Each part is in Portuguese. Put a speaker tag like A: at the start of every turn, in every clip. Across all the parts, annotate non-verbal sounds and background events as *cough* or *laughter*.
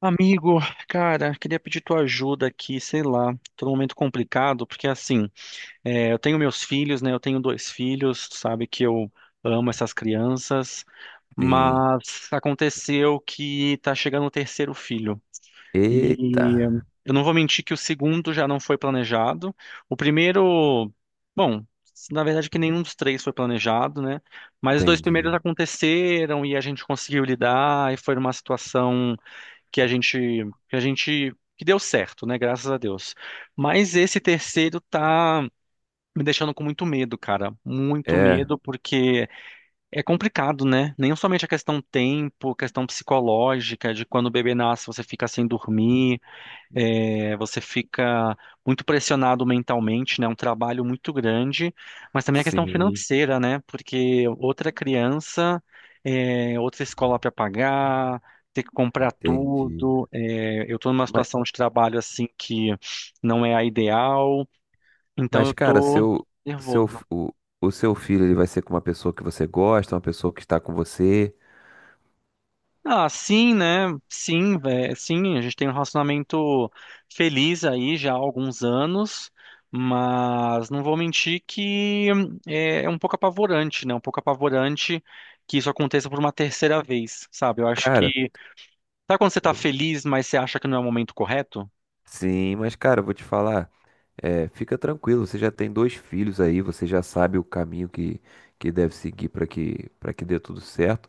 A: Amigo, cara, queria pedir tua ajuda aqui, sei lá, tô num momento complicado, porque assim, eu tenho meus filhos, né? Eu tenho dois filhos, sabe que eu amo essas crianças,
B: Sim.
A: mas aconteceu que tá chegando o terceiro filho.
B: Eita,
A: E eh, eu não vou mentir que o segundo já não foi planejado. O primeiro, bom, na verdade que nenhum dos três foi planejado, né? Mas os dois primeiros
B: entendi.
A: aconteceram e a gente conseguiu lidar e foi uma situação que a gente que a gente que deu certo, né? Graças a Deus. Mas esse terceiro tá me deixando com muito medo, cara. Muito
B: É,
A: medo porque é complicado, né? Nem somente a questão tempo, questão psicológica de quando o bebê nasce, você fica sem dormir. É, você fica muito pressionado mentalmente, né? É um trabalho muito grande, mas também a questão
B: sim,
A: financeira, né? Porque outra criança, é, outra escola para pagar, ter que comprar
B: entendi.
A: tudo. É, eu estou numa
B: Mas,
A: situação de trabalho assim que não é a ideal, então eu
B: mas cara,
A: estou
B: seu, seu,
A: nervoso.
B: o, o seu filho ele vai ser com uma pessoa que você gosta, uma pessoa que está com você.
A: Ah, sim, né? Sim, velho. Sim, a gente tem um relacionamento feliz aí já há alguns anos, mas não vou mentir que é, é um pouco apavorante, né? Um pouco apavorante que isso aconteça por uma terceira vez, sabe? Eu acho
B: Cara,
A: que. Sabe quando você tá
B: eu-
A: feliz, mas você acha que não é o momento correto?
B: sim, mas, cara, eu vou te falar, fica tranquilo, você já tem dois filhos aí, você já sabe o caminho que deve seguir para que dê tudo certo.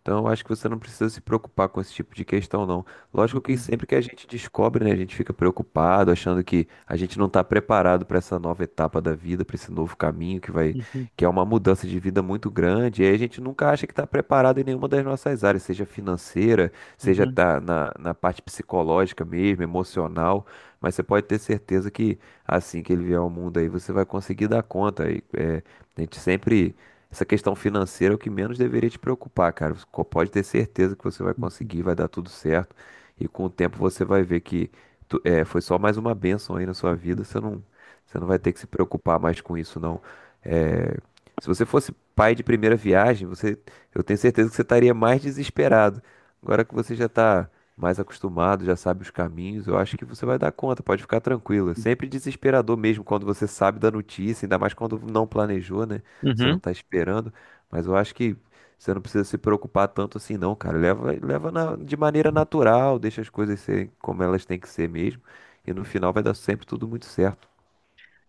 B: Então, eu acho que você não precisa se preocupar com esse tipo de questão, não. Lógico que
A: Uhum,
B: sempre que a gente descobre, né, a gente fica preocupado, achando que a gente não está preparado para essa nova etapa da vida, para esse novo caminho
A: uhum,
B: que é uma mudança de vida muito grande. E aí a gente nunca acha que está preparado em nenhuma das nossas áreas, seja financeira, seja
A: uhum,
B: tá na parte psicológica mesmo, emocional. Mas você pode ter certeza que assim que ele vier ao mundo aí, você vai conseguir dar conta. E, é, a gente sempre essa questão financeira é o que menos deveria te preocupar, cara. Você pode ter certeza que você vai
A: uhum.
B: conseguir, vai dar tudo certo. E com o tempo você vai ver que foi só mais uma bênção aí na sua vida. Você não vai ter que se preocupar mais com isso, não. É, se você fosse pai de primeira viagem, eu tenho certeza que você estaria mais desesperado. Agora que você já está mais acostumado, já sabe os caminhos, eu acho que você vai dar conta, pode ficar tranquilo. É sempre desesperador mesmo quando você sabe da notícia, ainda mais quando não planejou, né? Você não
A: Uhum.
B: tá esperando, mas eu acho que você não precisa se preocupar tanto assim, não, cara. De maneira natural, deixa as coisas serem como elas têm que ser mesmo, e no final vai dar sempre tudo muito certo.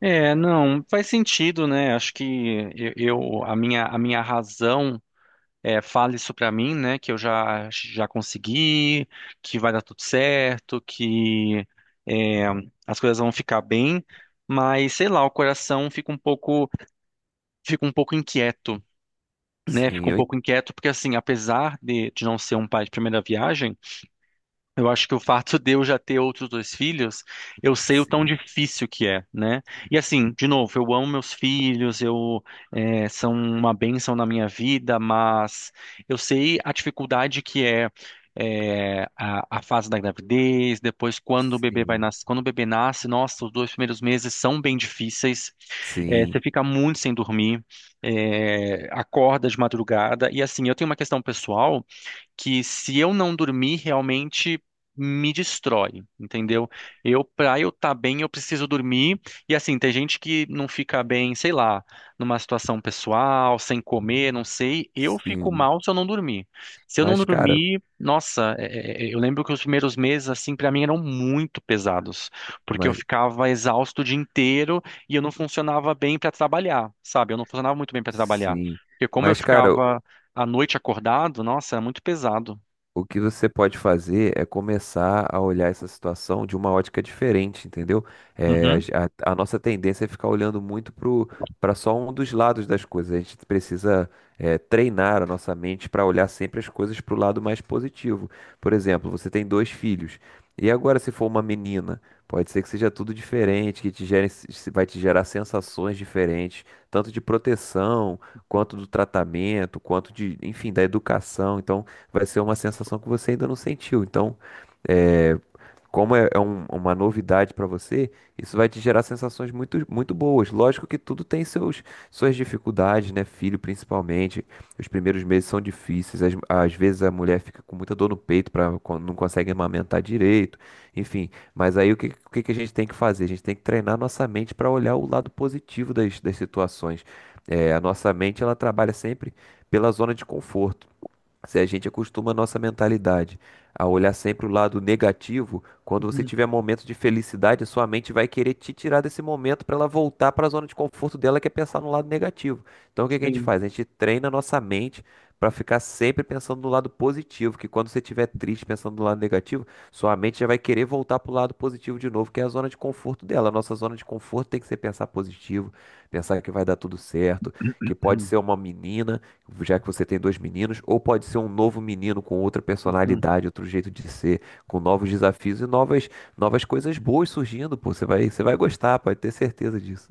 A: É, não, faz sentido, né? Acho que a minha razão. Fale isso pra mim, né? Que eu já já consegui, que vai dar tudo certo, que é, as coisas vão ficar bem, mas sei lá, o coração fica um pouco inquieto, né?
B: Sim,
A: Fica um pouco inquieto porque assim, apesar de não ser um pai de primeira viagem, eu acho que o fato de eu já ter outros dois filhos, eu sei o tão
B: sim,
A: difícil que é, né? E assim, de novo, eu amo meus filhos, são uma bênção na minha vida, mas eu sei a dificuldade que é, a fase da gravidez, depois quando o bebê vai
B: sim,
A: nascer, quando o bebê nasce, nossa, os dois primeiros meses são bem difíceis,
B: sim,
A: você fica muito sem dormir, acorda de madrugada, e assim, eu tenho uma questão pessoal que se eu não dormir, realmente me destrói, entendeu? Eu, pra eu estar bem, eu preciso dormir. E assim, tem gente que não fica bem, sei lá, numa situação pessoal, sem comer, não sei. Eu fico
B: sim.
A: mal se eu não dormir. Se eu não
B: Mas, cara,
A: dormir, nossa, é, eu lembro que os primeiros meses, assim, pra mim eram muito pesados, porque eu
B: mas,
A: ficava exausto o dia inteiro e eu não funcionava bem pra trabalhar, sabe? Eu não funcionava muito bem pra trabalhar.
B: sim.
A: Porque como eu
B: Mas, cara,
A: ficava à noite acordado, nossa, é muito pesado.
B: o que você pode fazer é começar a olhar essa situação de uma ótica diferente, entendeu? É, a,
A: Uhum.
B: ge- a- a nossa tendência é ficar olhando para só um dos lados das coisas. A gente precisa, é, treinar a nossa mente para olhar sempre as coisas para o lado mais positivo. Por exemplo, você tem dois filhos. E agora, se for uma menina, pode ser que seja tudo diferente, que te gere, se- vai te gerar sensações diferentes, tanto de proteção, quanto do tratamento, quanto de, enfim, da educação. Então, vai ser uma sensação que você ainda não sentiu. Então, é, como é, é um- uma novidade para você, isso vai te gerar sensações muito, muito boas. Lógico que tudo tem suas dificuldades, né? Filho, principalmente. Os primeiros meses são difíceis. Às vezes a mulher fica com muita dor no peito, não consegue amamentar direito. Enfim, mas aí o que que a gente tem que fazer? A gente tem que treinar nossa mente para olhar o lado positivo das situações. É, a nossa mente ela trabalha sempre pela zona de conforto. Se a gente acostuma a nossa mentalidade a olhar sempre o lado negativo, quando você
A: Uhum.
B: tiver momentos de felicidade, a sua mente vai querer te tirar desse momento para ela voltar para a zona de conforto dela, que é pensar no lado negativo. Então o que que a gente
A: Sim.
B: faz? A gente treina a nossa mente para ficar sempre pensando no lado positivo, que quando você estiver triste pensando no lado negativo, sua mente já vai querer voltar para o lado positivo de novo, que é a zona de conforto dela. A nossa zona de conforto tem que ser pensar positivo, pensar que vai dar tudo certo, que pode ser uma menina já que você tem dois meninos, ou pode ser um novo menino com outra
A: Uhum.
B: personalidade, outro jeito de ser, com novos desafios e novas coisas boas surgindo, pô. Você vai gostar, pode ter certeza disso.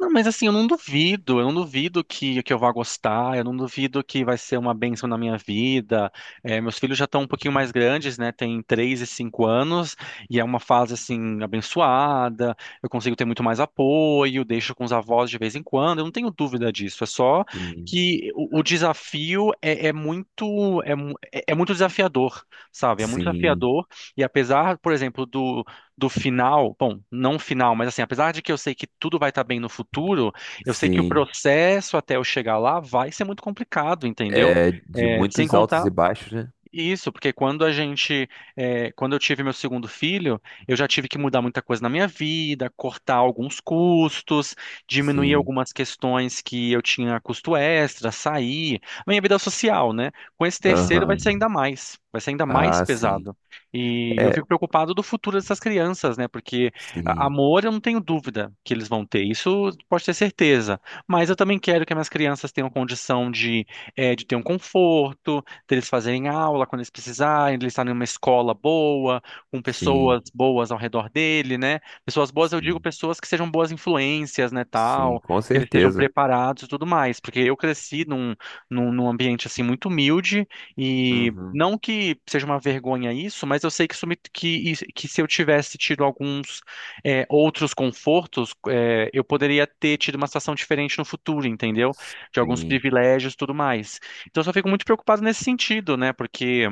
A: Não, mas assim, eu não duvido que eu vá gostar, eu não duvido que vai ser uma bênção na minha vida. É, meus filhos já estão um pouquinho mais grandes, né? Tem 3 e 5 anos, e é uma fase assim, abençoada, eu consigo ter muito mais apoio, deixo com os avós de vez em quando, eu não tenho dúvida disso. É só
B: Sim,
A: que o desafio é, é muito, é muito desafiador, sabe? É muito
B: sim,
A: desafiador, e apesar, por exemplo, do do final, bom, não final, mas assim, apesar de que eu sei que tudo vai estar bem no futuro, eu sei que o
B: sim.
A: processo até eu chegar lá vai ser muito complicado, entendeu?
B: É de
A: É, sem
B: muitos altos
A: contar
B: e baixos, né?
A: isso, porque quando a gente, quando eu tive meu segundo filho, eu já tive que mudar muita coisa na minha vida, cortar alguns custos, diminuir
B: Sim.
A: algumas questões que eu tinha custo extra, sair, minha vida social, né? Com esse terceiro vai ser
B: Aham.
A: ainda mais, vai ser ainda mais
B: Ah, sim.
A: pesado. E eu
B: É,
A: fico preocupado do futuro dessas crianças, né? Porque
B: sim,
A: amor eu não tenho dúvida que eles vão ter, isso pode ter certeza. Mas eu também quero que as minhas crianças tenham condição de, de ter um conforto deles fazerem aula quando eles precisarem, de eles estarem em uma escola boa, com
B: sim,
A: pessoas boas ao redor dele, né? Pessoas boas, eu digo
B: sim,
A: pessoas que sejam boas influências, né,
B: sim,
A: tal,
B: com
A: que eles estejam
B: certeza.
A: preparados e tudo mais, porque eu cresci num ambiente, assim, muito humilde e
B: Uhum.
A: não que seja uma vergonha isso, mas eu sei que, que se eu tivesse tido alguns é, outros confortos, é, eu poderia ter tido uma situação diferente no futuro, entendeu? De alguns
B: Sim,
A: privilégios e tudo mais. Então eu só fico muito preocupado nesse sentido, né? Porque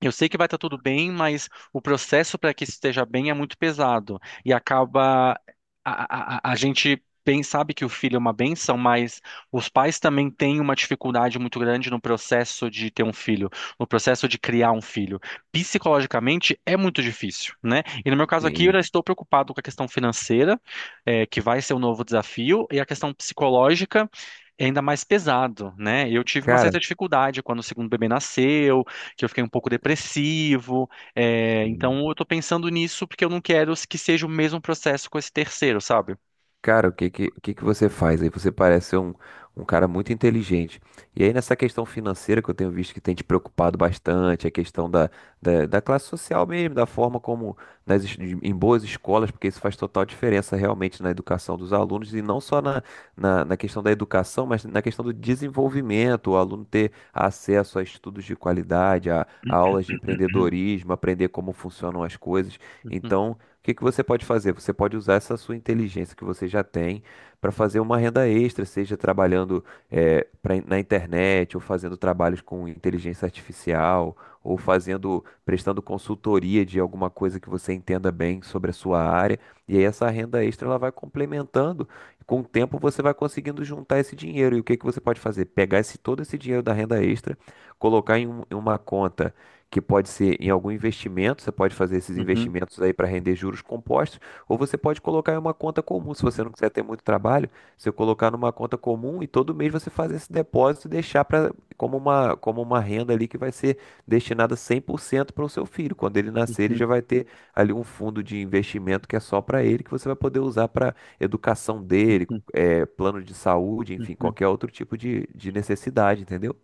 A: eu sei que vai estar tudo bem, mas o processo para que isso esteja bem é muito pesado. E acaba. A gente bem sabe que o filho é uma bênção, mas os pais também têm uma dificuldade muito grande no processo de ter um filho, no processo de criar um filho. Psicologicamente é muito difícil, né? E no meu caso aqui, eu já
B: sim.
A: estou preocupado com a questão financeira, que vai ser um novo desafio, e a questão psicológica. É ainda mais pesado, né? Eu tive uma
B: Cara,
A: certa dificuldade quando o segundo bebê nasceu, que eu fiquei um pouco depressivo.
B: sim.
A: Então eu tô pensando nisso porque eu não quero que seja o mesmo processo com esse terceiro, sabe?
B: Cara, o que que você faz? Aí você parece ser um cara muito inteligente. E aí nessa questão financeira que eu tenho visto que tem te preocupado bastante, a questão da classe social mesmo, da forma como nas, es- em boas escolas, porque isso faz total diferença realmente na educação dos alunos e não só na questão da educação, mas na questão do desenvolvimento, o aluno ter acesso a estudos de qualidade, a aulas de
A: *clears throat*
B: empreendedorismo, aprender como funcionam as coisas.
A: Uhum,
B: Então, o que que você pode fazer? Você pode usar essa sua inteligência que você já tem para fazer uma renda extra, seja trabalhando na internet, ou fazendo trabalhos com inteligência artificial, ou prestando consultoria de alguma coisa que você entenda bem sobre a sua área. E aí essa renda extra ela vai complementando. Com o tempo você vai conseguindo juntar esse dinheiro. E o que que você pode fazer? Pegar todo esse dinheiro da renda extra, colocar em uma conta que pode ser em algum investimento, você pode fazer esses
A: uhum,
B: investimentos aí para render juros compostos, ou você pode colocar em uma conta comum, se você não quiser ter muito trabalho, você colocar numa conta comum e todo mês você fazer esse depósito e deixar para como uma renda ali que vai ser destinada 100% para o seu filho. Quando ele
A: uhum,
B: nascer, ele
A: uhum,
B: já vai ter ali um fundo de investimento que é só para ele, que você vai poder usar para educação dele,
A: uhum,
B: plano de saúde, enfim,
A: uhum.
B: qualquer outro tipo de necessidade, entendeu?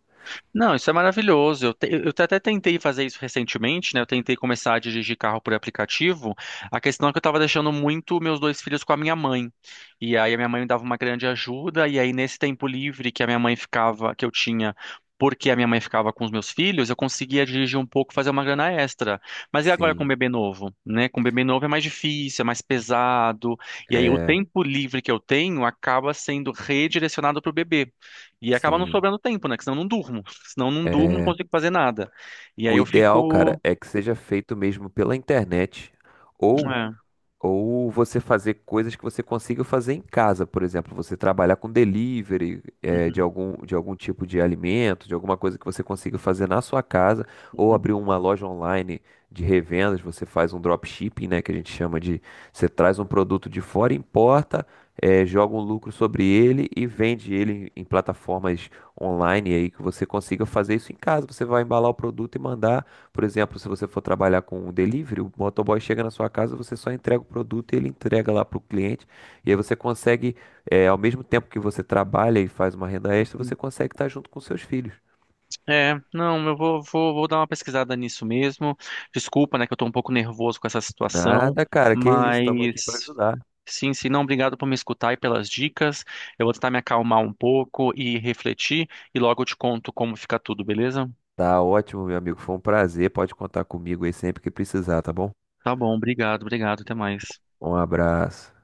A: Não, isso é maravilhoso. Eu, até tentei fazer isso recentemente, né? Eu tentei começar a dirigir carro por aplicativo. A questão é que eu estava deixando muito meus dois filhos com a minha mãe. E aí a minha mãe me dava uma grande ajuda. E aí nesse tempo livre que a minha mãe ficava, que eu tinha, porque a minha mãe ficava com os meus filhos, eu conseguia dirigir um pouco, fazer uma grana extra. Mas e agora com o
B: Sim,
A: bebê novo, né? Com o bebê novo é mais difícil, é mais pesado. E aí o
B: é,
A: tempo livre que eu tenho acaba sendo redirecionado para o bebê. E acaba não
B: sim.
A: sobrando tempo, né? Que senão eu não durmo. *laughs* Senão eu não durmo, não
B: é
A: consigo fazer nada. E aí
B: O
A: eu
B: ideal, cara,
A: fico.
B: é que seja feito mesmo pela internet ou
A: É,
B: você fazer coisas que você consiga fazer em casa, por exemplo, você trabalhar com delivery
A: uhum,
B: de algum tipo de alimento, de alguma coisa que você consiga fazer na sua casa, ou
A: uhum,
B: abrir uma loja online de revendas, você faz um dropshipping, né, que a gente chama de você traz um produto de fora, importa, joga um lucro sobre ele e vende ele em plataformas online aí que você consiga fazer isso em casa, você vai embalar o produto e mandar por exemplo, se você for trabalhar com um delivery, o motoboy chega na sua casa, você só entrega o produto e ele entrega lá para o cliente. E aí você consegue, ao mesmo tempo que você trabalha e faz uma renda extra, você
A: uhum.
B: consegue estar junto com seus filhos.
A: É, não, eu vou, vou, vou dar uma pesquisada nisso mesmo. Desculpa, né, que eu tô um pouco nervoso com essa situação,
B: Nada, cara, que isso, estamos aqui para
A: mas
B: ajudar.
A: sim, sim, não, obrigado por me escutar e pelas dicas. Eu vou tentar me acalmar um pouco e refletir, e logo eu te conto como fica tudo, beleza?
B: Tá ótimo, meu amigo, foi um prazer. Pode contar comigo aí sempre que precisar, tá bom?
A: Tá bom, obrigado, obrigado, até mais.
B: Um abraço.